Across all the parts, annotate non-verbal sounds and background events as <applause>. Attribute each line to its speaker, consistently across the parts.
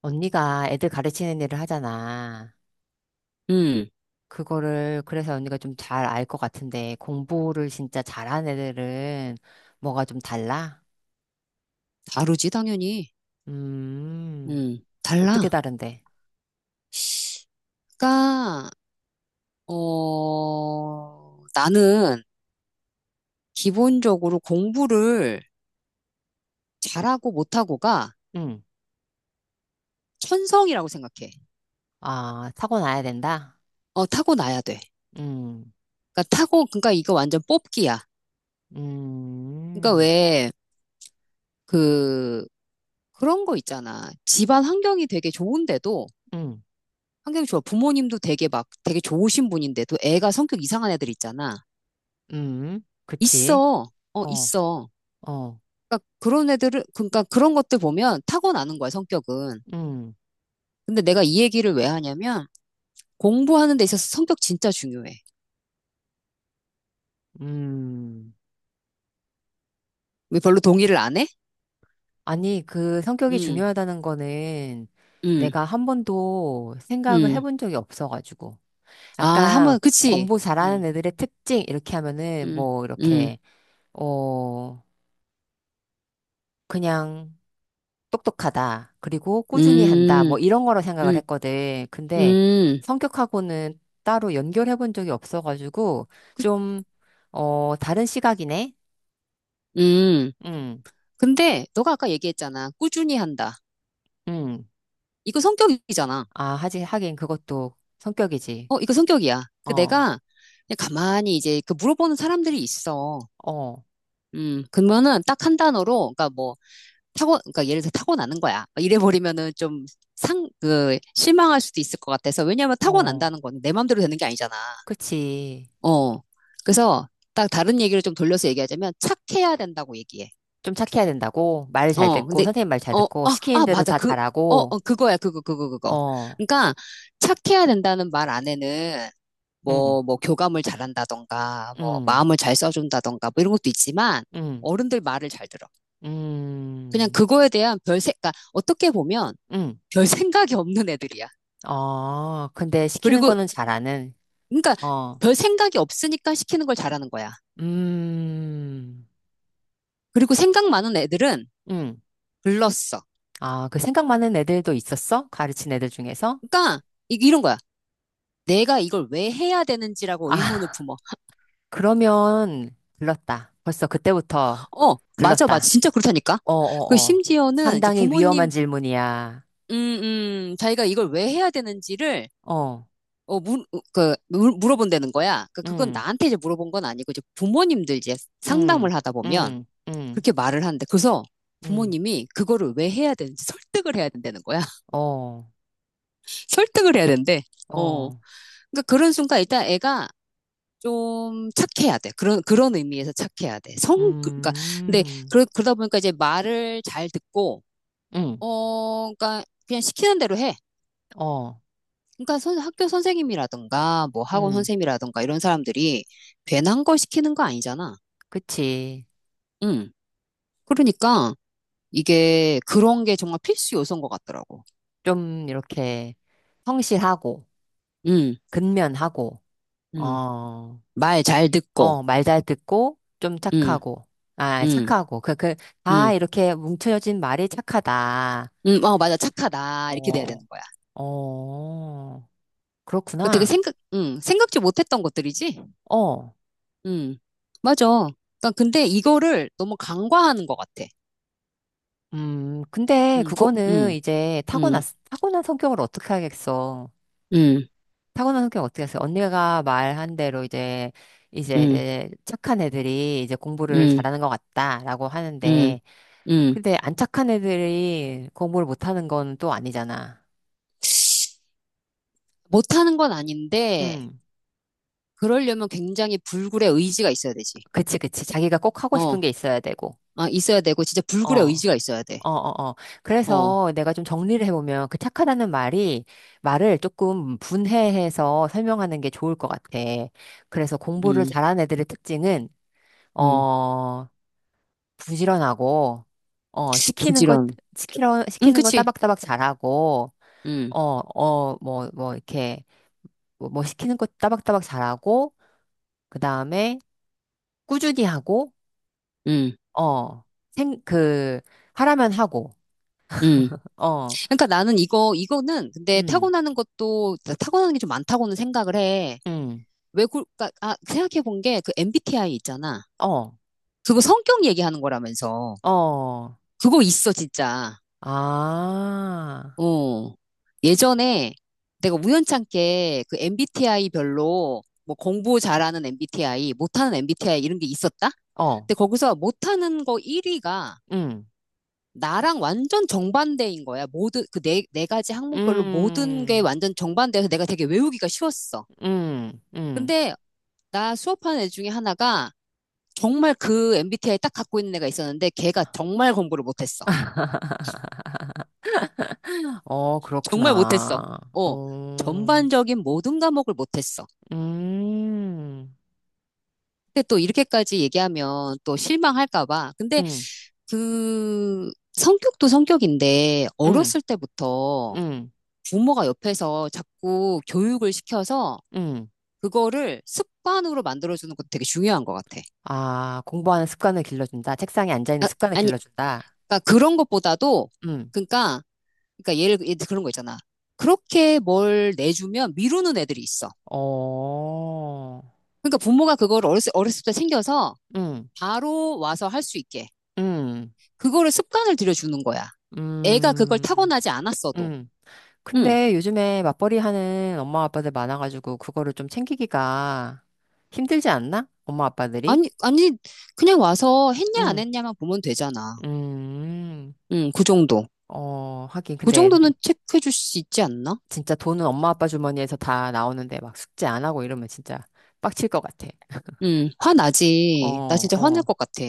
Speaker 1: 언니가 애들 가르치는 일을 하잖아.
Speaker 2: 음,
Speaker 1: 그거를, 그래서 언니가 좀 잘 알 것 같은데, 공부를 진짜 잘하는 애들은 뭐가 좀 달라?
Speaker 2: 다르지, 당연히.
Speaker 1: 음, 어떻게
Speaker 2: 달라.
Speaker 1: 다른데?
Speaker 2: 그러니까, 나는 기본적으로 공부를 잘하고 못하고가
Speaker 1: 응.
Speaker 2: 천성이라고 생각해.
Speaker 1: 아, 사고 나야 된다?
Speaker 2: 타고나야 돼.
Speaker 1: 응,
Speaker 2: 그러니까 이거 완전 뽑기야. 그러니까
Speaker 1: 음,
Speaker 2: 왜, 그, 그런 거 있잖아. 집안 환경이 되게 좋은데도,
Speaker 1: 음, 음,
Speaker 2: 환경이 좋아. 부모님도 되게 막, 되게 좋으신 분인데도 애가 성격 이상한 애들 있잖아.
Speaker 1: 그치.
Speaker 2: 있어.
Speaker 1: 어,
Speaker 2: 있어.
Speaker 1: 어,
Speaker 2: 그러니까 그런 애들을, 그러니까 그런 것들 보면 타고나는 거야, 성격은.
Speaker 1: 음,
Speaker 2: 근데 내가 이 얘기를 왜 하냐면 공부하는 데 있어서 성격 진짜 중요해.
Speaker 1: 음.
Speaker 2: 왜 별로 동의를 안 해?
Speaker 1: 아니, 그 성격이
Speaker 2: 음,
Speaker 1: 중요하다는 거는
Speaker 2: 음,
Speaker 1: 내가 한 번도 생각을
Speaker 2: 음.
Speaker 1: 해본 적이 없어가지고.
Speaker 2: 아, 한번,
Speaker 1: 아까
Speaker 2: 그치?
Speaker 1: 공부
Speaker 2: 음,
Speaker 1: 잘하는 애들의 특징 이렇게 하면은
Speaker 2: 음,
Speaker 1: 뭐
Speaker 2: 음,
Speaker 1: 이렇게 어 그냥 똑똑하다. 그리고 꾸준히 한다.
Speaker 2: 음,
Speaker 1: 뭐 이런 거로 생각을
Speaker 2: 음,
Speaker 1: 했거든. 근데
Speaker 2: 음.
Speaker 1: 성격하고는 따로 연결해 본 적이 없어가지고 좀 어 다른 시각이네.
Speaker 2: 음.
Speaker 1: 응.
Speaker 2: 근데 너가 아까 얘기했잖아. 꾸준히 한다.
Speaker 1: 응.
Speaker 2: 이거 성격이잖아.
Speaker 1: 아, 하지 하긴 그것도 성격이지.
Speaker 2: 어, 이거 성격이야. 그
Speaker 1: 어.
Speaker 2: 내가 그냥 가만히 이제 그 물어보는 사람들이 있어.
Speaker 1: 어.
Speaker 2: 그러면은 딱 한 단어로, 그러니까 뭐, 그러니까 예를 들어 타고나는 거야. 이래버리면은 좀 실망할 수도 있을 것 같아서. 왜냐하면
Speaker 1: 어.
Speaker 2: 타고난다는 건 내 마음대로 되는 게 아니잖아.
Speaker 1: 그치.
Speaker 2: 어. 그래서 딱 다른 얘기를 좀 돌려서 얘기하자면 착해야 된다고 얘기해.
Speaker 1: 좀 착해야 된다고. 말 잘
Speaker 2: 어.
Speaker 1: 듣고
Speaker 2: 근데,
Speaker 1: 선생님 말 잘 듣고 시키는 대로
Speaker 2: 맞아.
Speaker 1: 다 잘하고
Speaker 2: 그거야. 그거, 그거, 그거.
Speaker 1: 어.
Speaker 2: 그러니까 착해야 된다는 말 안에는
Speaker 1: 음,
Speaker 2: 뭐, 뭐, 교감을 잘한다던가, 뭐,
Speaker 1: 음,
Speaker 2: 마음을 잘 써준다던가, 뭐 이런 것도 있지만
Speaker 1: 음,
Speaker 2: 어른들 말을 잘 들어. 그냥
Speaker 1: 음,
Speaker 2: 그거에 대한 별색, 그러니까 어떻게 보면
Speaker 1: 음.
Speaker 2: 별 생각이 없는 애들이야.
Speaker 1: 어, 근데 시키는
Speaker 2: 그리고,
Speaker 1: 거는 잘하는,
Speaker 2: 그러니까
Speaker 1: 어,
Speaker 2: 별 생각이 없으니까 시키는 걸 잘하는 거야.
Speaker 1: 음,
Speaker 2: 그리고 생각 많은 애들은
Speaker 1: 음.
Speaker 2: 글렀어.
Speaker 1: 아, 그 생각 많은 애들도 있었어? 가르친 애들 중에서?
Speaker 2: 그러니까 이런 거야. 내가 이걸 왜 해야 되는지라고
Speaker 1: 아,
Speaker 2: 의문을
Speaker 1: <laughs>
Speaker 2: 품어.
Speaker 1: 그러면 글렀다. 벌써 그때부터
Speaker 2: 어, 맞아, 맞아.
Speaker 1: 글렀다.
Speaker 2: 진짜 그렇다니까.
Speaker 1: 어, 어,
Speaker 2: 그
Speaker 1: 어.
Speaker 2: 심지어는 이제
Speaker 1: 상당히 위험한
Speaker 2: 부모님,
Speaker 1: 질문이야.
Speaker 2: 자기가 이걸 왜 해야 되는지를
Speaker 1: 어,
Speaker 2: 어, 물, 어, 그, 물- 물어본다는 거야. 그, 그건
Speaker 1: 음,
Speaker 2: 나한테 이제 물어본 건 아니고, 이제 부모님들 이제
Speaker 1: 음,
Speaker 2: 상담을 하다 보면,
Speaker 1: 음, 음,
Speaker 2: 그렇게 말을 하는데 그래서
Speaker 1: 음.
Speaker 2: 부모님이 그거를 왜 해야 되는지 설득을 해야 된다는 거야. <laughs>
Speaker 1: 어,
Speaker 2: 설득을 해야 된대. 어.
Speaker 1: 어,
Speaker 2: 그러니까 그런 순간 일단 애가 좀 착해야 돼. 그런 의미에서 착해야 돼. 성 그러니까 근데
Speaker 1: 음,
Speaker 2: 그러다 보니까 이제 말을 잘 듣고
Speaker 1: 음,
Speaker 2: 그러니까 그냥 시키는 대로 해.
Speaker 1: 어.
Speaker 2: 그러니까 학교 선생님이라든가 뭐 학원
Speaker 1: 음,
Speaker 2: 선생님이라든가 이런 사람들이 괜한 걸 시키는 거 아니잖아.
Speaker 1: 그치.
Speaker 2: 응. 그러니까 이게 그런 게 정말 필수 요소인 것 같더라고.
Speaker 1: 좀 이렇게 성실하고,
Speaker 2: 응.
Speaker 1: 근면하고,
Speaker 2: 응.
Speaker 1: 어,
Speaker 2: 말 잘 듣고,
Speaker 1: 어, 말 잘 듣고, 좀
Speaker 2: 응,
Speaker 1: 착하고, 아,
Speaker 2: 응,
Speaker 1: 착하고, 다
Speaker 2: 응,
Speaker 1: 이렇게 뭉쳐진 말이 착하다.
Speaker 2: 응, 어, 맞아, 착하다. 이렇게 돼야 되는
Speaker 1: 어,
Speaker 2: 거야.
Speaker 1: 어,
Speaker 2: 그 되게
Speaker 1: 그렇구나.
Speaker 2: 생각, 응, 생각지 못했던 것들이지?
Speaker 1: 어,
Speaker 2: 응, 맞아. 그러니까 근데 이거를 너무 간과하는 것 같아.
Speaker 1: 근데
Speaker 2: 응,
Speaker 1: 그거는
Speaker 2: 응,
Speaker 1: 이제 타고났,
Speaker 2: 응,
Speaker 1: 타고난 성격을 어떻게 하겠어.
Speaker 2: 응,
Speaker 1: 타고난 성격 어떻게 했어요? 언니가 말한 대로 이제, 이제,
Speaker 2: 응,
Speaker 1: 이제 착한 애들이 이제 공부를
Speaker 2: 응,
Speaker 1: 잘하는 것 같다라고
Speaker 2: 응,
Speaker 1: 하는데,
Speaker 2: 응.
Speaker 1: 근데 안 착한 애들이 공부를 못하는 건 또 아니잖아.
Speaker 2: 못하는 건 아닌데,
Speaker 1: 음
Speaker 2: 그러려면 굉장히 불굴의 의지가 있어야 되지.
Speaker 1: 그치, 그치. 자기가 꼭 하고
Speaker 2: 어,
Speaker 1: 싶은 게 있어야 되고.
Speaker 2: 아, 있어야 되고, 진짜 불굴의
Speaker 1: 어.
Speaker 2: 의지가 있어야 돼.
Speaker 1: 어, 어, 어.
Speaker 2: 어,
Speaker 1: 그래서 내가 좀 정리를 해보면 그 착하다는 말이 말을 조금 분해해서 설명하는 게 좋을 것 같아. 그래서 공부를
Speaker 2: 음,
Speaker 1: 잘하는 애들의 특징은,
Speaker 2: 음,
Speaker 1: 어, 부지런하고, 어, 시키는 것,
Speaker 2: 부지런. 응,
Speaker 1: 시키는 거
Speaker 2: 그치.
Speaker 1: 따박따박 잘하고,
Speaker 2: 응,
Speaker 1: 어, 어, 이렇게, 뭐 시키는 것 따박따박 잘하고, 그 다음에 꾸준히 하고,
Speaker 2: 응,
Speaker 1: 어, 생, 그, 하라면 하고,
Speaker 2: 응.
Speaker 1: 어,
Speaker 2: 그러니까 나는 이거는 근데
Speaker 1: 음,
Speaker 2: 타고나는 것도, 타고나는 게 좀 많다고는 생각을 해.
Speaker 1: 음,
Speaker 2: 왜, 생각해 본 게 그 MBTI 있잖아.
Speaker 1: 어,
Speaker 2: 그거 성격 얘기하는 거라면서.
Speaker 1: 어,
Speaker 2: 그거 있어, 진짜.
Speaker 1: 아,
Speaker 2: 어. 예전에 내가 우연찮게 그 MBTI 별로 뭐 공부 잘하는 MBTI, 못하는 MBTI 이런 게 있었다?
Speaker 1: 어,
Speaker 2: 근데 거기서 못하는 거 1위가
Speaker 1: 음,
Speaker 2: 나랑 완전 정반대인 거야. 모든, 그 네 가지 항목별로 모든 게
Speaker 1: 음,
Speaker 2: 완전 정반대여서 내가 되게 외우기가 쉬웠어.
Speaker 1: 음.
Speaker 2: 근데 나 수업하는 애 중에 하나가 정말 그 MBTI 딱 갖고 있는 애가 있었는데 걔가 정말 공부를 못했어.
Speaker 1: <laughs> 어,
Speaker 2: 정말 못했어.
Speaker 1: 그렇구나.
Speaker 2: 어,
Speaker 1: 어.
Speaker 2: 전반적인 모든 과목을 못했어.
Speaker 1: 음,
Speaker 2: 근데 또 이렇게까지 얘기하면 또 실망할까 봐. 근데
Speaker 1: 음,
Speaker 2: 그 성격도 성격인데
Speaker 1: 음,
Speaker 2: 어렸을 때부터
Speaker 1: 음,
Speaker 2: 부모가 옆에서 자꾸 교육을 시켜서
Speaker 1: 음.
Speaker 2: 그거를 습관으로 만들어주는 것도 되게 중요한 것 같아.
Speaker 1: 아, 공부하는 습관을 길러준다. 책상에 앉아있는
Speaker 2: 아,
Speaker 1: 습관을
Speaker 2: 아니,
Speaker 1: 길러준다.
Speaker 2: 그러니까 그런 것보다도
Speaker 1: 음,
Speaker 2: 그러니까 그러니까 예를 그런 거 있잖아. 그렇게 뭘 내주면 미루는 애들이 있어.
Speaker 1: 어,
Speaker 2: 그러니까 부모가 그걸 어렸을 때 챙겨서
Speaker 1: 음,
Speaker 2: 바로 와서 할 수 있게
Speaker 1: 음,
Speaker 2: 그거를 습관을 들여주는 거야. 애가 그걸
Speaker 1: 음,
Speaker 2: 타고나지 않았어도.
Speaker 1: 음.
Speaker 2: 응.
Speaker 1: 근데 요즘에 맞벌이 하는 엄마 아빠들 많아가지고 그거를 좀 챙기기가 힘들지 않나? 엄마 아빠들이?
Speaker 2: 아니, 아니, 그냥 와서 했냐 안
Speaker 1: 음,
Speaker 2: 했냐만 보면 되잖아.
Speaker 1: 음,
Speaker 2: 응, 그 정도.
Speaker 1: 어, 하긴.
Speaker 2: 그
Speaker 1: 근데
Speaker 2: 정도는 체크해 줄 수 있지 않나?
Speaker 1: 진짜 돈은 엄마 아빠 주머니에서 다 나오는데 막 숙제 안 하고 이러면 진짜 빡칠 것 같아.
Speaker 2: 응, 화나지. 나
Speaker 1: 어,
Speaker 2: 진짜 화날
Speaker 1: 어,
Speaker 2: 것 같아.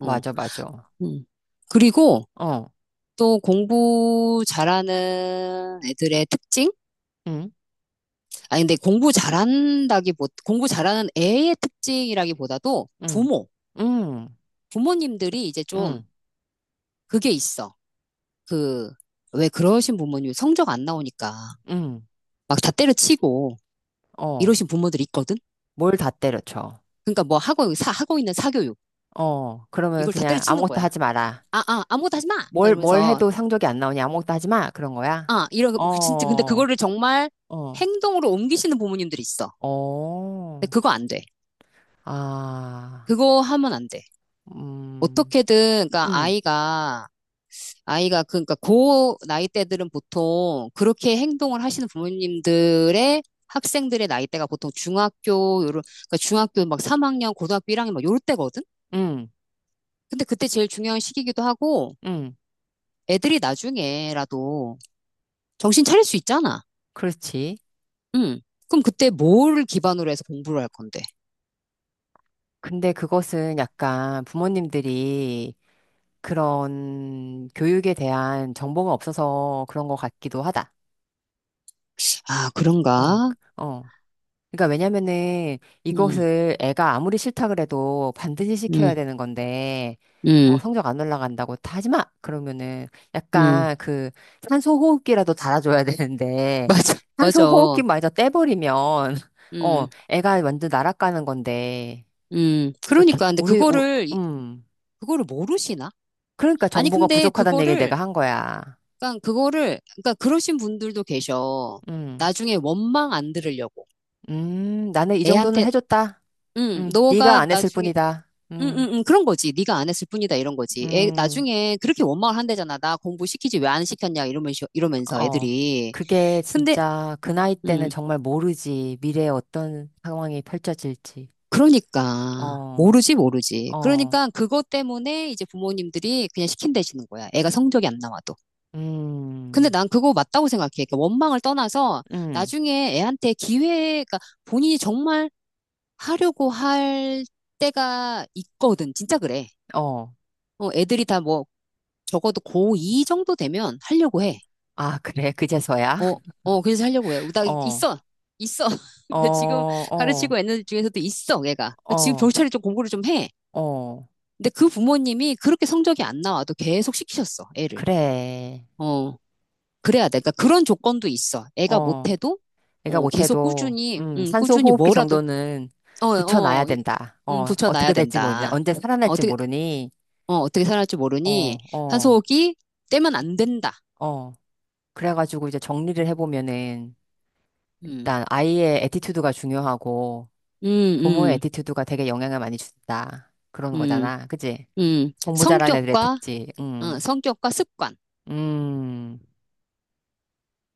Speaker 2: 어,
Speaker 1: 맞아, 맞아.
Speaker 2: 응. 그리고
Speaker 1: 어,
Speaker 2: 또 공부 잘하는 애들의 특징?
Speaker 1: 응,
Speaker 2: 아니, 근데 공부 잘한다기, 보 공부 잘하는 애의 특징이라기보다도
Speaker 1: 응, 응,
Speaker 2: 부모님들이 이제 좀
Speaker 1: 응,
Speaker 2: 그게 있어. 그, 왜 그러신 부모님 성적 안 나오니까
Speaker 1: 응,
Speaker 2: 막 다 때려치고
Speaker 1: 어,
Speaker 2: 이러신 부모들이 있거든?
Speaker 1: 뭘 다 때려쳐.
Speaker 2: 그러니까 뭐 하고 있는 사교육,
Speaker 1: 어, 그러면
Speaker 2: 이걸 다
Speaker 1: 그냥
Speaker 2: 때려치는
Speaker 1: 아무것도
Speaker 2: 거야.
Speaker 1: 하지 마라.
Speaker 2: 아, 아, 아무것도 하지 마! 막
Speaker 1: 뭘
Speaker 2: 이러면서,
Speaker 1: 해도 상적이 안 나오니 아무것도 하지 마. 그런 거야?
Speaker 2: 아, 이런, 진짜, 근데
Speaker 1: 어,
Speaker 2: 그거를 정말
Speaker 1: 어,
Speaker 2: 행동으로 옮기시는 부모님들이 있어. 근데
Speaker 1: 어,
Speaker 2: 그거 안 돼.
Speaker 1: 아,
Speaker 2: 그거 하면 안 돼.
Speaker 1: 음,
Speaker 2: 어떻게든, 그러니까
Speaker 1: 음,
Speaker 2: 아이가 그러니까 고 나이대들은 보통 그렇게 행동을 하시는 부모님들의 학생들의 나이대가 보통 중학교 요런 그러니까 중학교 막 3학년, 고등학교 1학년 막 요럴 때거든.
Speaker 1: 음,
Speaker 2: 근데 그때 제일 중요한 시기이기도 하고
Speaker 1: 음,
Speaker 2: 애들이 나중에라도 정신 차릴 수 있잖아.
Speaker 1: 그렇지.
Speaker 2: 음. 그럼 그때 뭘 기반으로 해서 공부를 할 건데?
Speaker 1: 근데 그것은 약간 부모님들이 그런 교육에 대한 정보가 없어서 그런 것 같기도 하다.
Speaker 2: 아,
Speaker 1: 어,
Speaker 2: 그런가?
Speaker 1: 그- 어. 그러니까 왜냐면은
Speaker 2: 음.
Speaker 1: 이것을 애가 아무리 싫다 그래도 반드시 시켜야
Speaker 2: 음.
Speaker 1: 되는 건데, 어,
Speaker 2: 음.
Speaker 1: 성적 안 올라간다고 다 하지 마! 그러면은
Speaker 2: 음. <laughs>
Speaker 1: 약간 그 산소 호흡기라도 달아줘야 <laughs> 되는데,
Speaker 2: 맞아. 맞아.
Speaker 1: 산소 호흡기마저 떼버리면, <laughs> 어,
Speaker 2: 음.
Speaker 1: 애가 완전 날아가는 건데,
Speaker 2: 음.
Speaker 1: 이렇게,
Speaker 2: 그러니까 근데
Speaker 1: 음.
Speaker 2: 그거를 모르시나?
Speaker 1: 그러니까
Speaker 2: 아니,
Speaker 1: 정보가
Speaker 2: 근데
Speaker 1: 부족하다는 얘기를 내가 한 거야.
Speaker 2: 그거를 그러니까 그러신 분들도 계셔.
Speaker 1: 음,
Speaker 2: 나중에 원망 안 들으려고
Speaker 1: 나는 이 정도는
Speaker 2: 애한테
Speaker 1: 해줬다.
Speaker 2: 응 너가
Speaker 1: 네가 안 했을
Speaker 2: 나중에
Speaker 1: 뿐이다.
Speaker 2: 응응응 그런 거지. 네가 안 했을 뿐이다 이런 거지. 애
Speaker 1: 음.
Speaker 2: 나중에 그렇게 원망을 한대잖아. 나 공부 시키지 왜 안 시켰냐 이러면서
Speaker 1: 어.
Speaker 2: 애들이.
Speaker 1: 그게
Speaker 2: 근데
Speaker 1: 진짜 그 나이 때는
Speaker 2: 음
Speaker 1: 정말 모르지. 미래에 어떤 상황이 펼쳐질지.
Speaker 2: 그러니까
Speaker 1: 어,
Speaker 2: 모르지 모르지.
Speaker 1: 어,
Speaker 2: 그러니까 그것 때문에 이제 부모님들이 그냥 시킨대시는 거야. 애가 성적이 안 나와도. 근데
Speaker 1: 음,
Speaker 2: 난 그거 맞다고 생각해. 그러니까 원망을 떠나서
Speaker 1: 음,
Speaker 2: 나중에 애한테 기회가 본인이 정말 하려고 할 때가 있거든. 진짜 그래.
Speaker 1: 어.
Speaker 2: 어, 애들이 다 뭐, 적어도 고2 정도 되면 하려고 해.
Speaker 1: 아, 그래. 그제서야?
Speaker 2: 어,
Speaker 1: <laughs>
Speaker 2: 어, 그래서 하려고 해. 나
Speaker 1: 어,
Speaker 2: 있어. 있어. <laughs>
Speaker 1: 어,
Speaker 2: 근데 지금
Speaker 1: 어,
Speaker 2: 가르치고 애들 중에서도 있어, 얘가. 지금
Speaker 1: 어,
Speaker 2: 겨우차례 좀 공부를 좀 해.
Speaker 1: 어.
Speaker 2: 근데 그 부모님이 그렇게 성적이 안 나와도 계속 시키셨어, 애를.
Speaker 1: 그래.
Speaker 2: 어, 그래야 돼. 그러니까 그런 조건도 있어. 애가
Speaker 1: 어.
Speaker 2: 못해도,
Speaker 1: 내가
Speaker 2: 어, 계속
Speaker 1: 못해도,
Speaker 2: 꾸준히,
Speaker 1: 산소
Speaker 2: 꾸준히
Speaker 1: 호흡기
Speaker 2: 뭐라도,
Speaker 1: 정도는
Speaker 2: 어,
Speaker 1: 붙여놔야
Speaker 2: 어, 이-
Speaker 1: 된다. 어,
Speaker 2: 붙여놔야
Speaker 1: 어떻게 될지 모르니.
Speaker 2: 된다.
Speaker 1: 언제 살아날지 모르니.
Speaker 2: 어, 어떻게 살아날지 모르니
Speaker 1: 어, 어,
Speaker 2: 산소호흡이 떼면 안 된다.
Speaker 1: 어. 그래가지고 이제 정리를 해보면은,
Speaker 2: 음,
Speaker 1: 일단 아이의 애티튜드가 중요하고
Speaker 2: 음,
Speaker 1: 부모의
Speaker 2: 음,
Speaker 1: 애티튜드가 되게 영향을 많이 준다. 그런
Speaker 2: 음,
Speaker 1: 거잖아. 그치? 공부 잘하는 애들의
Speaker 2: 성격과,
Speaker 1: 특징. 음.
Speaker 2: 성격과 습관.
Speaker 1: 음.